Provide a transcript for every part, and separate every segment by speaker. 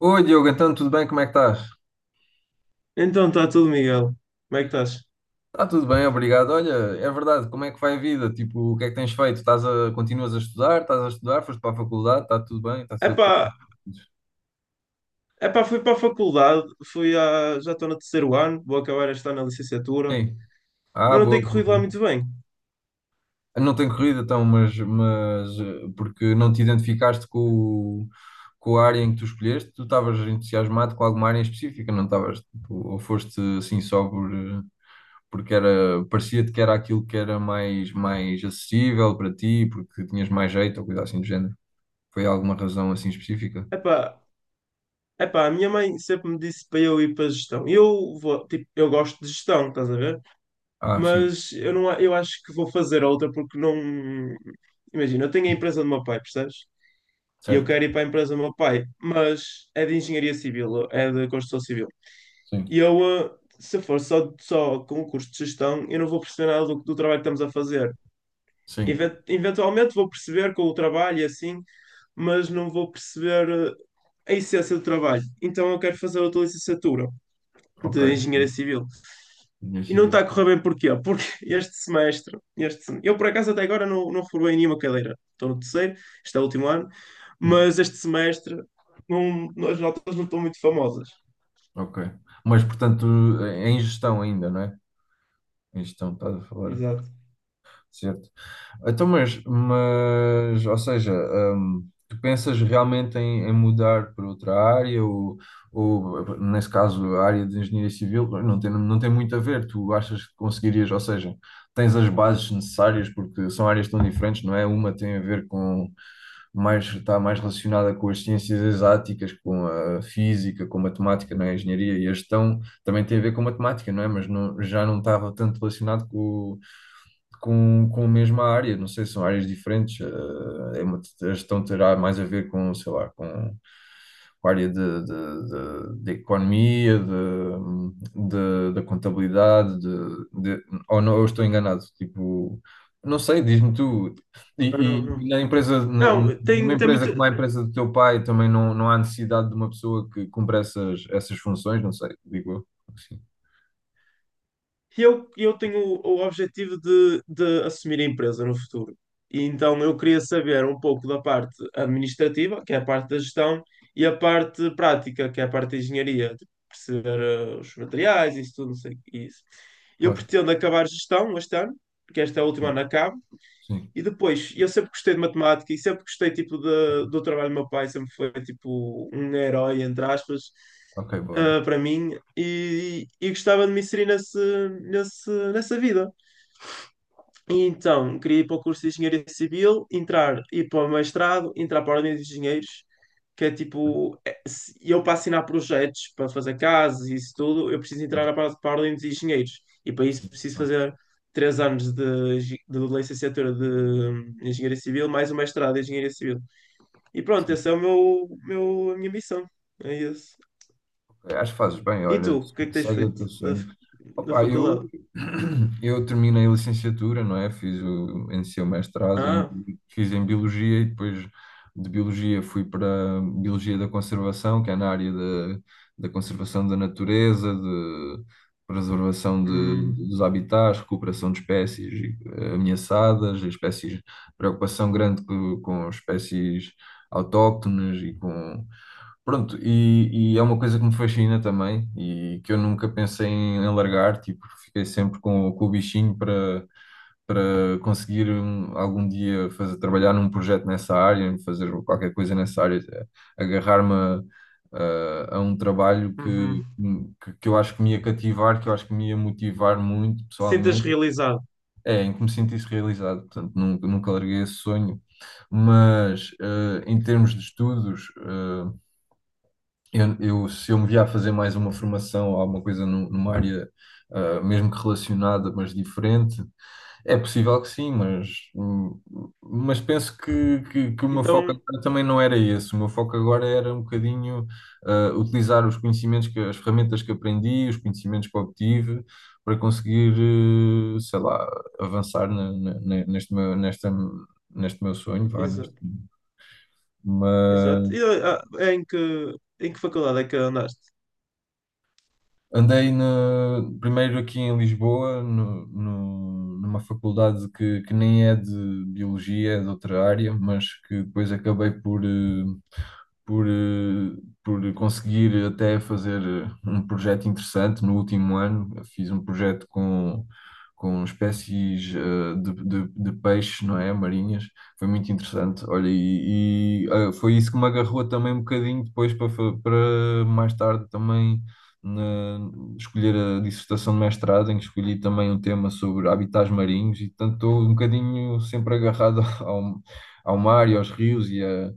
Speaker 1: Oi, Diogo, então tudo bem? Como é que estás?
Speaker 2: Então está tudo, Miguel. Como é que estás?
Speaker 1: Está tudo bem, obrigado. Olha, é verdade, como é que vai a vida? Tipo, o que é que tens feito? Estás a, continuas a estudar? Estás a estudar? Foste para a faculdade? Está tudo bem? Está tudo a
Speaker 2: Epá,
Speaker 1: correr?
Speaker 2: epá, fui para a faculdade, já estou no terceiro ano, vou acabar este ano na licenciatura,
Speaker 1: Sim. Ah,
Speaker 2: mas não
Speaker 1: boa,
Speaker 2: tem
Speaker 1: boa,
Speaker 2: corrido lá
Speaker 1: boa.
Speaker 2: muito bem.
Speaker 1: Não tem corrido então, mas porque não te identificaste com, com a área em que tu escolheste? Tu estavas entusiasmado com alguma área em específica, não estavas? Tipo, ou foste assim só porque era, parecia-te que era aquilo que era mais, mais acessível para ti, porque tinhas mais jeito ou coisa assim do género? Foi alguma razão assim específica?
Speaker 2: Epá, epá, a minha mãe sempre me disse para eu ir para a gestão. Eu vou, tipo, eu gosto de gestão, estás a ver?
Speaker 1: Ah, sim,
Speaker 2: Mas eu não, eu acho que vou fazer outra porque não. Imagina, eu tenho a empresa do meu pai, percebes? E eu
Speaker 1: certo.
Speaker 2: quero ir para a empresa do meu pai, mas é de engenharia civil, é de construção civil. E
Speaker 1: Sim,
Speaker 2: eu, se for só com o curso de gestão, eu não vou perceber nada do trabalho que estamos a fazer.
Speaker 1: sim,
Speaker 2: Eventualmente vou perceber com o trabalho e assim, mas não vou perceber a essência do trabalho. Então eu quero fazer outra licenciatura
Speaker 1: ok.
Speaker 2: de Engenharia Civil.
Speaker 1: Engenharia
Speaker 2: E não está a
Speaker 1: civil,
Speaker 2: correr bem porquê? Porque este semestre, este, sem- eu por acaso até agora não reprobei nenhuma cadeira. Estou no terceiro, este é o último ano,
Speaker 1: sim,
Speaker 2: mas este semestre não, as notas não estão muito famosas.
Speaker 1: ok. Mas, portanto, é em gestão ainda, não é? Em gestão, estás a falar,
Speaker 2: Exato.
Speaker 1: certo. Então, mas ou seja, tu pensas realmente em, em mudar para outra área ou, nesse caso, a área de engenharia civil não tem, não tem muito a ver, tu achas que conseguirias, ou seja, tens as bases necessárias porque são áreas tão diferentes, não é? Uma tem a ver com mais, está mais relacionada com as ciências exáticas, com a física, com a matemática, não é? A engenharia e a gestão também tem a ver com matemática, não é? Mas não, já não estava tanto relacionado com a mesma área, não sei, são áreas diferentes. É a gestão terá mais a ver com, sei lá, com área de, de economia, de, da contabilidade, de, ou não, eu estou enganado, tipo, não sei, diz-me tu. E,
Speaker 2: Não, não,
Speaker 1: e
Speaker 2: não.
Speaker 1: na empresa,
Speaker 2: Não,
Speaker 1: numa
Speaker 2: tem
Speaker 1: empresa como
Speaker 2: muito.
Speaker 1: a empresa do teu pai, também não, não há necessidade de uma pessoa que cumpra essas, essas funções, não sei, digo eu. Sim,
Speaker 2: E eu tenho o objetivo de assumir a empresa no futuro. E então eu queria saber um pouco da parte administrativa, que é a parte da gestão, e a parte prática, que é a parte da engenharia, de perceber os materiais, isso tudo, não sei, o que é isso. Eu
Speaker 1: claro.
Speaker 2: pretendo acabar gestão este ano, porque este é o último ano
Speaker 1: Sim,
Speaker 2: que acabo
Speaker 1: sim.
Speaker 2: e depois, eu sempre gostei de matemática e sempre gostei tipo do trabalho do meu pai, sempre foi tipo um herói, entre aspas,
Speaker 1: Ok, boa, boa.
Speaker 2: para mim, e gostava de me inserir nesse, nessa vida. E então, queria ir para o curso de Engenharia Civil, entrar, ir para o mestrado, entrar para a Ordem dos Engenheiros, que é tipo, eu para assinar projetos, para fazer casas e isso tudo, eu preciso entrar para a Ordem dos Engenheiros. E para isso
Speaker 1: Sim,
Speaker 2: preciso
Speaker 1: claro.
Speaker 2: fazer três anos de, de licenciatura de Engenharia Civil, mais o mestrado em Engenharia Civil. E pronto,
Speaker 1: Sim.
Speaker 2: essa é o meu, a minha missão. É isso.
Speaker 1: Ok, acho que fazes bem,
Speaker 2: E tu,
Speaker 1: olha,
Speaker 2: o que é que tens
Speaker 1: segue o
Speaker 2: feito
Speaker 1: teu
Speaker 2: da,
Speaker 1: sonho.
Speaker 2: da
Speaker 1: Opa,
Speaker 2: faculdade?
Speaker 1: eu, eu terminei a licenciatura, não é? Fiz o, iniciei o mestrado, em,
Speaker 2: Ah,
Speaker 1: fiz em Biologia e depois de Biologia fui para Biologia da Conservação, que é na área da, da conservação da natureza, de preservação de,
Speaker 2: hum,
Speaker 1: dos habitats, recuperação de espécies ameaçadas, espécies, preocupação grande com, espécies autóctones e com pronto, e é uma coisa que me fascina também e que eu nunca pensei em, em largar, tipo, fiquei sempre com o bichinho para, para conseguir um, algum dia fazer, trabalhar num projeto nessa área, fazer qualquer coisa nessa área, agarrar-me a, a um trabalho
Speaker 2: uhum.
Speaker 1: que eu acho que me ia cativar, que eu acho que me ia motivar muito
Speaker 2: Sintas
Speaker 1: pessoalmente,
Speaker 2: realizado.
Speaker 1: é, em que me sentisse realizado, portanto, nunca, nunca larguei esse sonho, mas em termos de estudos. Eu, se eu me via a fazer mais uma formação ou alguma coisa numa área, ah, mesmo que relacionada, mas diferente, é possível que sim, mas penso que o meu foco
Speaker 2: Então,
Speaker 1: agora também não era esse. O meu foco agora era um bocadinho, ah, utilizar os conhecimentos, que, as ferramentas que aprendi, os conhecimentos que obtive, para conseguir, sei lá, avançar neste meu, nesta, neste meu sonho, vá, neste,
Speaker 2: exato, exato. E,
Speaker 1: mas
Speaker 2: ah, é em que faculdade é que andaste?
Speaker 1: andei no primeiro aqui em Lisboa, numa faculdade que nem é de biologia, é de outra área, mas que depois acabei por, por, por conseguir até fazer um projeto interessante no último ano. Eu fiz um projeto com espécies de peixes, não é? Marinhas. Foi muito interessante. Olha, e, ah, foi isso que me agarrou também um bocadinho depois para, para mais tarde também na- escolher a dissertação de mestrado, em que escolhi também um tema sobre habitats marinhos, e portanto estou um bocadinho sempre agarrado ao, ao mar e aos rios e,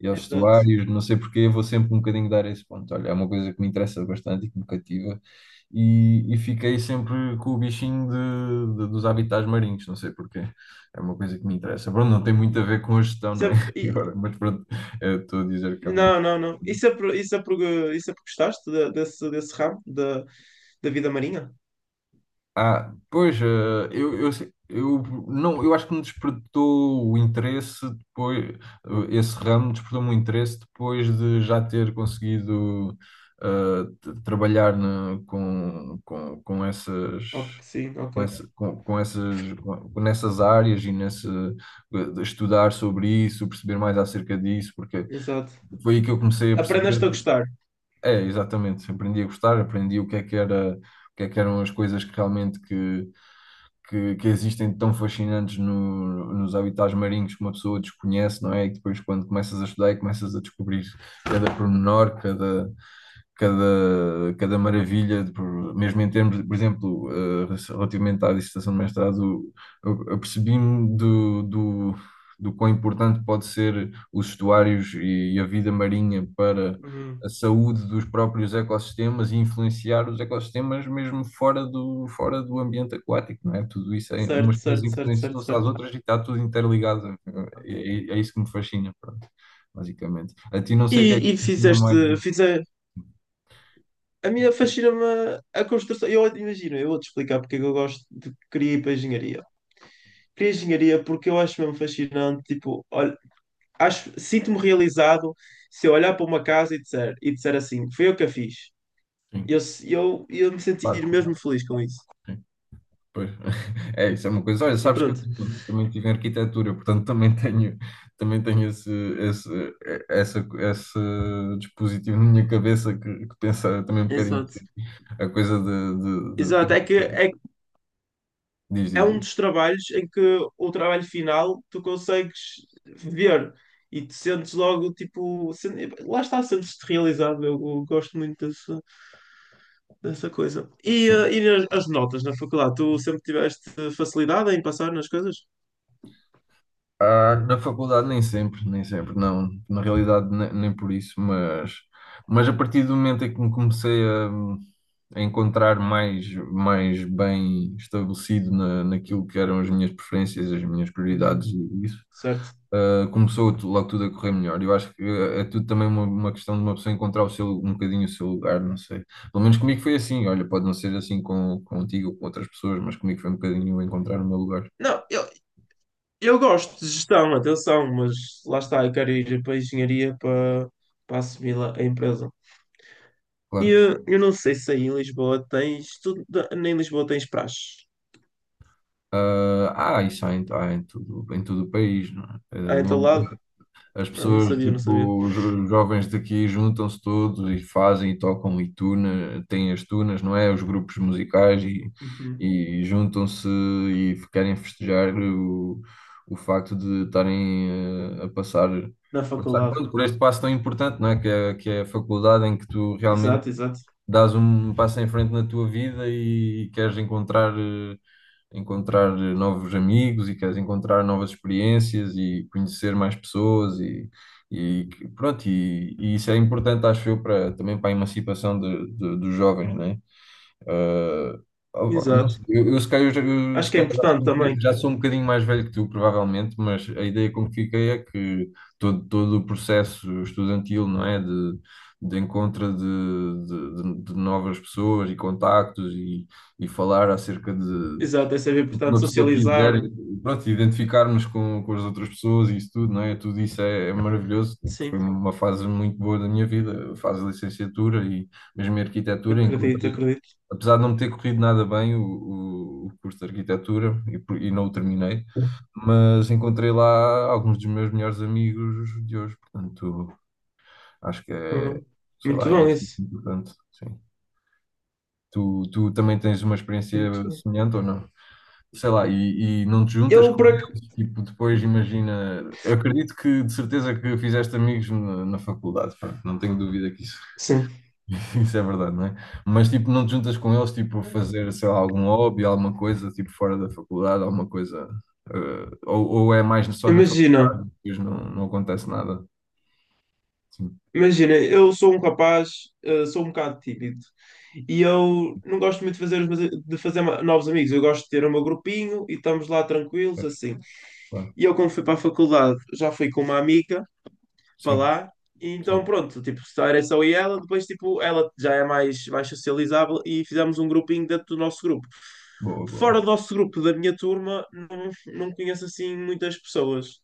Speaker 1: e aos
Speaker 2: Exato.
Speaker 1: estuários, não sei porquê, vou sempre um bocadinho dar esse ponto. Olha, é uma coisa que me interessa bastante e que me cativa, e fiquei sempre com o bichinho de, dos habitats marinhos, não sei porquê. É uma coisa que me interessa. Pronto, não tem muito a
Speaker 2: Uhum.
Speaker 1: ver com a gestão, não é?
Speaker 2: Sempre, e,
Speaker 1: Agora, mas pronto, estou a dizer que é uma
Speaker 2: Não, não, não. Isso é por, isso é porque gostaste desse, desse ramo da, da vida marinha?
Speaker 1: ah, pois, eu, eu não, eu acho que me despertou o interesse depois, esse ramo despertou-me o interesse depois de já ter conseguido trabalhar com essas
Speaker 2: Ok, sim, ok.
Speaker 1: com, essa, com essas com, nessas áreas e nesse estudar sobre isso, perceber mais acerca disso, porque
Speaker 2: Exato.
Speaker 1: foi aí que eu comecei a
Speaker 2: Aprendeste
Speaker 1: perceber,
Speaker 2: a gostar.
Speaker 1: é, exatamente, aprendi a gostar, aprendi o que é que era, o que é que eram as coisas que realmente que existem tão fascinantes nos habitats marinhos que uma pessoa desconhece, não é? E depois, quando começas a estudar e começas a descobrir cada pormenor, cada, cada, cada maravilha, mesmo em termos, de, por exemplo, relativamente à dissertação de mestrado, eu percebi-me do, do, do quão importante pode ser os estuários e, a vida marinha para
Speaker 2: Uhum.
Speaker 1: a saúde dos próprios ecossistemas e influenciar os ecossistemas mesmo fora do ambiente aquático, não é? Tudo isso, é,
Speaker 2: Certo,
Speaker 1: umas coisas
Speaker 2: certo, certo, certo,
Speaker 1: influenciam-se às
Speaker 2: certo.
Speaker 1: outras e está tudo interligado. É, é isso que me fascina, pronto, basicamente. A ti não sei o que é que
Speaker 2: E,
Speaker 1: te
Speaker 2: e
Speaker 1: fascina
Speaker 2: fizeste,
Speaker 1: mais.
Speaker 2: fizeste. A minha fascina-me a construção. Eu imagino, eu vou-te explicar porque é que eu gosto de querer ir para a engenharia. Queria engenharia porque eu acho mesmo fascinante, tipo, olha, acho, sinto-me realizado se eu olhar para uma casa e disser assim, foi eu que a fiz. Eu,
Speaker 1: Sim.
Speaker 2: eu me
Speaker 1: Claro,
Speaker 2: sentir
Speaker 1: claro.
Speaker 2: mesmo feliz com isso.
Speaker 1: Sim, pois. É, isso é uma coisa. Olha,
Speaker 2: E
Speaker 1: sabes que eu
Speaker 2: pronto.
Speaker 1: também, também tive em arquitetura, portanto também tenho esse, esse, essa, esse dispositivo na minha cabeça que pensa também um bocadinho
Speaker 2: Exato.
Speaker 1: assim, a coisa de,
Speaker 2: Exato. Que
Speaker 1: diz,
Speaker 2: é
Speaker 1: diz,
Speaker 2: um
Speaker 1: diz.
Speaker 2: dos trabalhos em que o trabalho final tu consegues ver e te sentes logo, tipo, lá está, sentes-te realizado. Eu gosto muito disso dessa coisa. E,
Speaker 1: Sim.
Speaker 2: e as notas na faculdade? Tu sempre tiveste facilidade em passar nas coisas?
Speaker 1: Ah, na faculdade nem sempre, nem sempre, não. Na realidade nem, por isso, mas a partir do momento em que me comecei a encontrar mais, mais bem estabelecido na, naquilo que eram as minhas preferências, as minhas prioridades
Speaker 2: Uhum.
Speaker 1: e isso,
Speaker 2: Certo.
Speaker 1: ah, começou logo tudo a correr melhor. Eu acho que é tudo também uma questão de uma pessoa encontrar o seu, um bocadinho o seu lugar, não sei. Pelo menos comigo foi assim. Olha, pode não ser assim com, contigo ou com outras pessoas, mas comigo foi um bocadinho encontrar o meu lugar,
Speaker 2: Não, eu gosto de gestão, atenção, mas lá está, eu quero ir para a engenharia para, para assumir lá a empresa. E
Speaker 1: claro.
Speaker 2: eu, eu não sei se aí em Lisboa tens. Tu, nem em Lisboa tens praxe.
Speaker 1: Ah, ah, isso há em tudo, em todo o país, não é? Eh,
Speaker 2: Ah, em teu lado?
Speaker 1: as
Speaker 2: Não, não
Speaker 1: pessoas,
Speaker 2: sabia, não sabia.
Speaker 1: tipo, os jovens daqui juntam-se todos e fazem e tocam e tuna, têm as tunas, não é? Os grupos musicais
Speaker 2: Uhum.
Speaker 1: e juntam-se e querem festejar o facto de estarem a passar,
Speaker 2: Na
Speaker 1: passar
Speaker 2: faculdade.
Speaker 1: pronto, por este passo tão importante, não é? Que é, que é a faculdade em que tu realmente
Speaker 2: Exato, exato.
Speaker 1: dás um passo em frente na tua vida e queres encontrar. Encontrar novos amigos e queres encontrar novas experiências e conhecer mais pessoas e pronto, e isso é importante, acho eu, para, também para a emancipação de, dos jovens, né? Ah, opa, não
Speaker 2: Exato.
Speaker 1: sei, eu se calhar, eu,
Speaker 2: Acho
Speaker 1: se
Speaker 2: que é
Speaker 1: calhar já
Speaker 2: importante
Speaker 1: sou,
Speaker 2: também.
Speaker 1: já sou um bocadinho mais velho que tu, provavelmente, mas a ideia com que fiquei é que todo, todo o processo estudantil, não é? De encontro de novas pessoas e contactos e falar acerca de,
Speaker 2: Exato, é sempre
Speaker 1: o que uma
Speaker 2: importante
Speaker 1: pessoa quiser,
Speaker 2: socializar.
Speaker 1: e, pronto, identificarmos com as outras pessoas e isso tudo, não é? Tudo isso é, é maravilhoso. Tipo, foi
Speaker 2: Sim,
Speaker 1: uma fase muito boa da minha vida, a fase de licenciatura e mesmo em arquitetura.
Speaker 2: acredito,
Speaker 1: Encontrei,
Speaker 2: acredito.
Speaker 1: apesar de não me ter corrido nada bem o curso de arquitetura e não o terminei, mas encontrei lá alguns dos meus melhores amigos de hoje. Portanto, acho que é,
Speaker 2: Uhum.
Speaker 1: sei
Speaker 2: Muito
Speaker 1: lá, é
Speaker 2: bom
Speaker 1: assim
Speaker 2: isso.
Speaker 1: importante, sim. Tu, tu também tens uma experiência
Speaker 2: Muito bom.
Speaker 1: semelhante ou não? Sei lá, e não te juntas
Speaker 2: Eu
Speaker 1: com
Speaker 2: por ac...
Speaker 1: eles, tipo, depois imagina. Eu acredito que de certeza que fizeste amigos na, na faculdade, pronto, não tenho dúvida que isso,
Speaker 2: Sim.
Speaker 1: isso é verdade, não é? Mas tipo, não te juntas com eles, tipo, a fazer, sei lá, algum hobby, alguma coisa, tipo, fora da faculdade, alguma coisa. Ou é mais só na
Speaker 2: Imagina,
Speaker 1: faculdade, depois não, não acontece nada. Sim,
Speaker 2: imagina, eu sou um rapaz, sou um bocado tímido. E eu não gosto muito de fazer, de fazer novos amigos. Eu gosto de ter o meu grupinho e estamos lá tranquilos,
Speaker 1: é,
Speaker 2: assim.
Speaker 1: claro.
Speaker 2: E eu, quando fui para a faculdade, já fui com uma amiga para
Speaker 1: Sim,
Speaker 2: lá. E então,
Speaker 1: sim.
Speaker 2: pronto, tipo, só era só eu e ela. Depois, tipo, ela já é mais, mais socializável e fizemos um grupinho dentro do nosso grupo.
Speaker 1: Boa, boa.
Speaker 2: Fora do nosso grupo, da minha turma, não, não conheço, assim, muitas pessoas.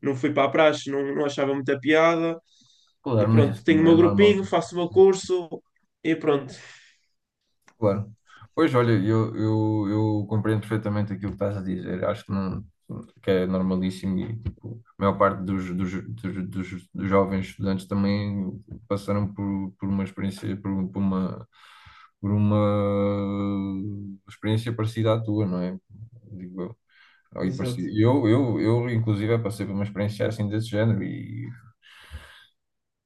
Speaker 2: Não fui para a praxe, não, não achava muita piada. E
Speaker 1: Claro, mas
Speaker 2: pronto,
Speaker 1: isso
Speaker 2: tenho o
Speaker 1: não
Speaker 2: meu
Speaker 1: é normal.
Speaker 2: grupinho, faço o meu curso e pronto.
Speaker 1: Claro. Pois, olha, eu compreendo perfeitamente aquilo que estás a dizer. Acho que, não, que é normalíssimo e tipo, a maior parte dos, dos, dos, dos, dos jovens estudantes também passaram por uma experiência parecida à tua, não é? Digo eu. Ou e
Speaker 2: Exato.
Speaker 1: parecida. Eu, inclusive, passei por uma experiência assim desse género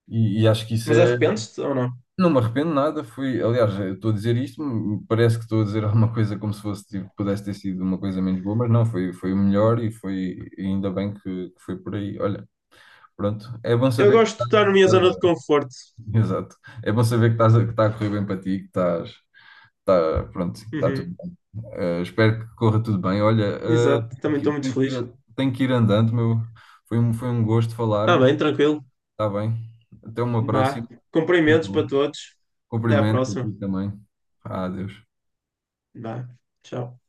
Speaker 1: e acho que isso
Speaker 2: Mas
Speaker 1: é.
Speaker 2: arrependes-te ou não?
Speaker 1: Não me arrependo de nada, foi, aliás, eu estou a dizer isto, parece que estou a dizer alguma coisa como se fosse, tipo, pudesse ter sido uma coisa menos boa, mas não, foi, foi o melhor e foi, e ainda bem que foi por aí. Olha, pronto, é bom
Speaker 2: Eu
Speaker 1: saber que
Speaker 2: gosto de
Speaker 1: estás,
Speaker 2: estar na minha zona de
Speaker 1: estás-
Speaker 2: conforto.
Speaker 1: exato, é bom saber que estás, que está a correr bem para ti, que estás, está, pronto, que está tudo
Speaker 2: Uhum,
Speaker 1: bem. Eh, espero que corra tudo bem. Olha,
Speaker 2: exato, também estou muito
Speaker 1: tenho que
Speaker 2: feliz.
Speaker 1: ir, tenho que ir andando, meu, foi um gosto
Speaker 2: Está
Speaker 1: falarmos,
Speaker 2: bem, tranquilo.
Speaker 1: está bem, até uma
Speaker 2: Vá.
Speaker 1: próxima, tudo
Speaker 2: Cumprimentos para
Speaker 1: bom.
Speaker 2: todos. Até à
Speaker 1: Cumprimento aqui
Speaker 2: próxima.
Speaker 1: também. Ah, Deus.
Speaker 2: Vá. Tchau.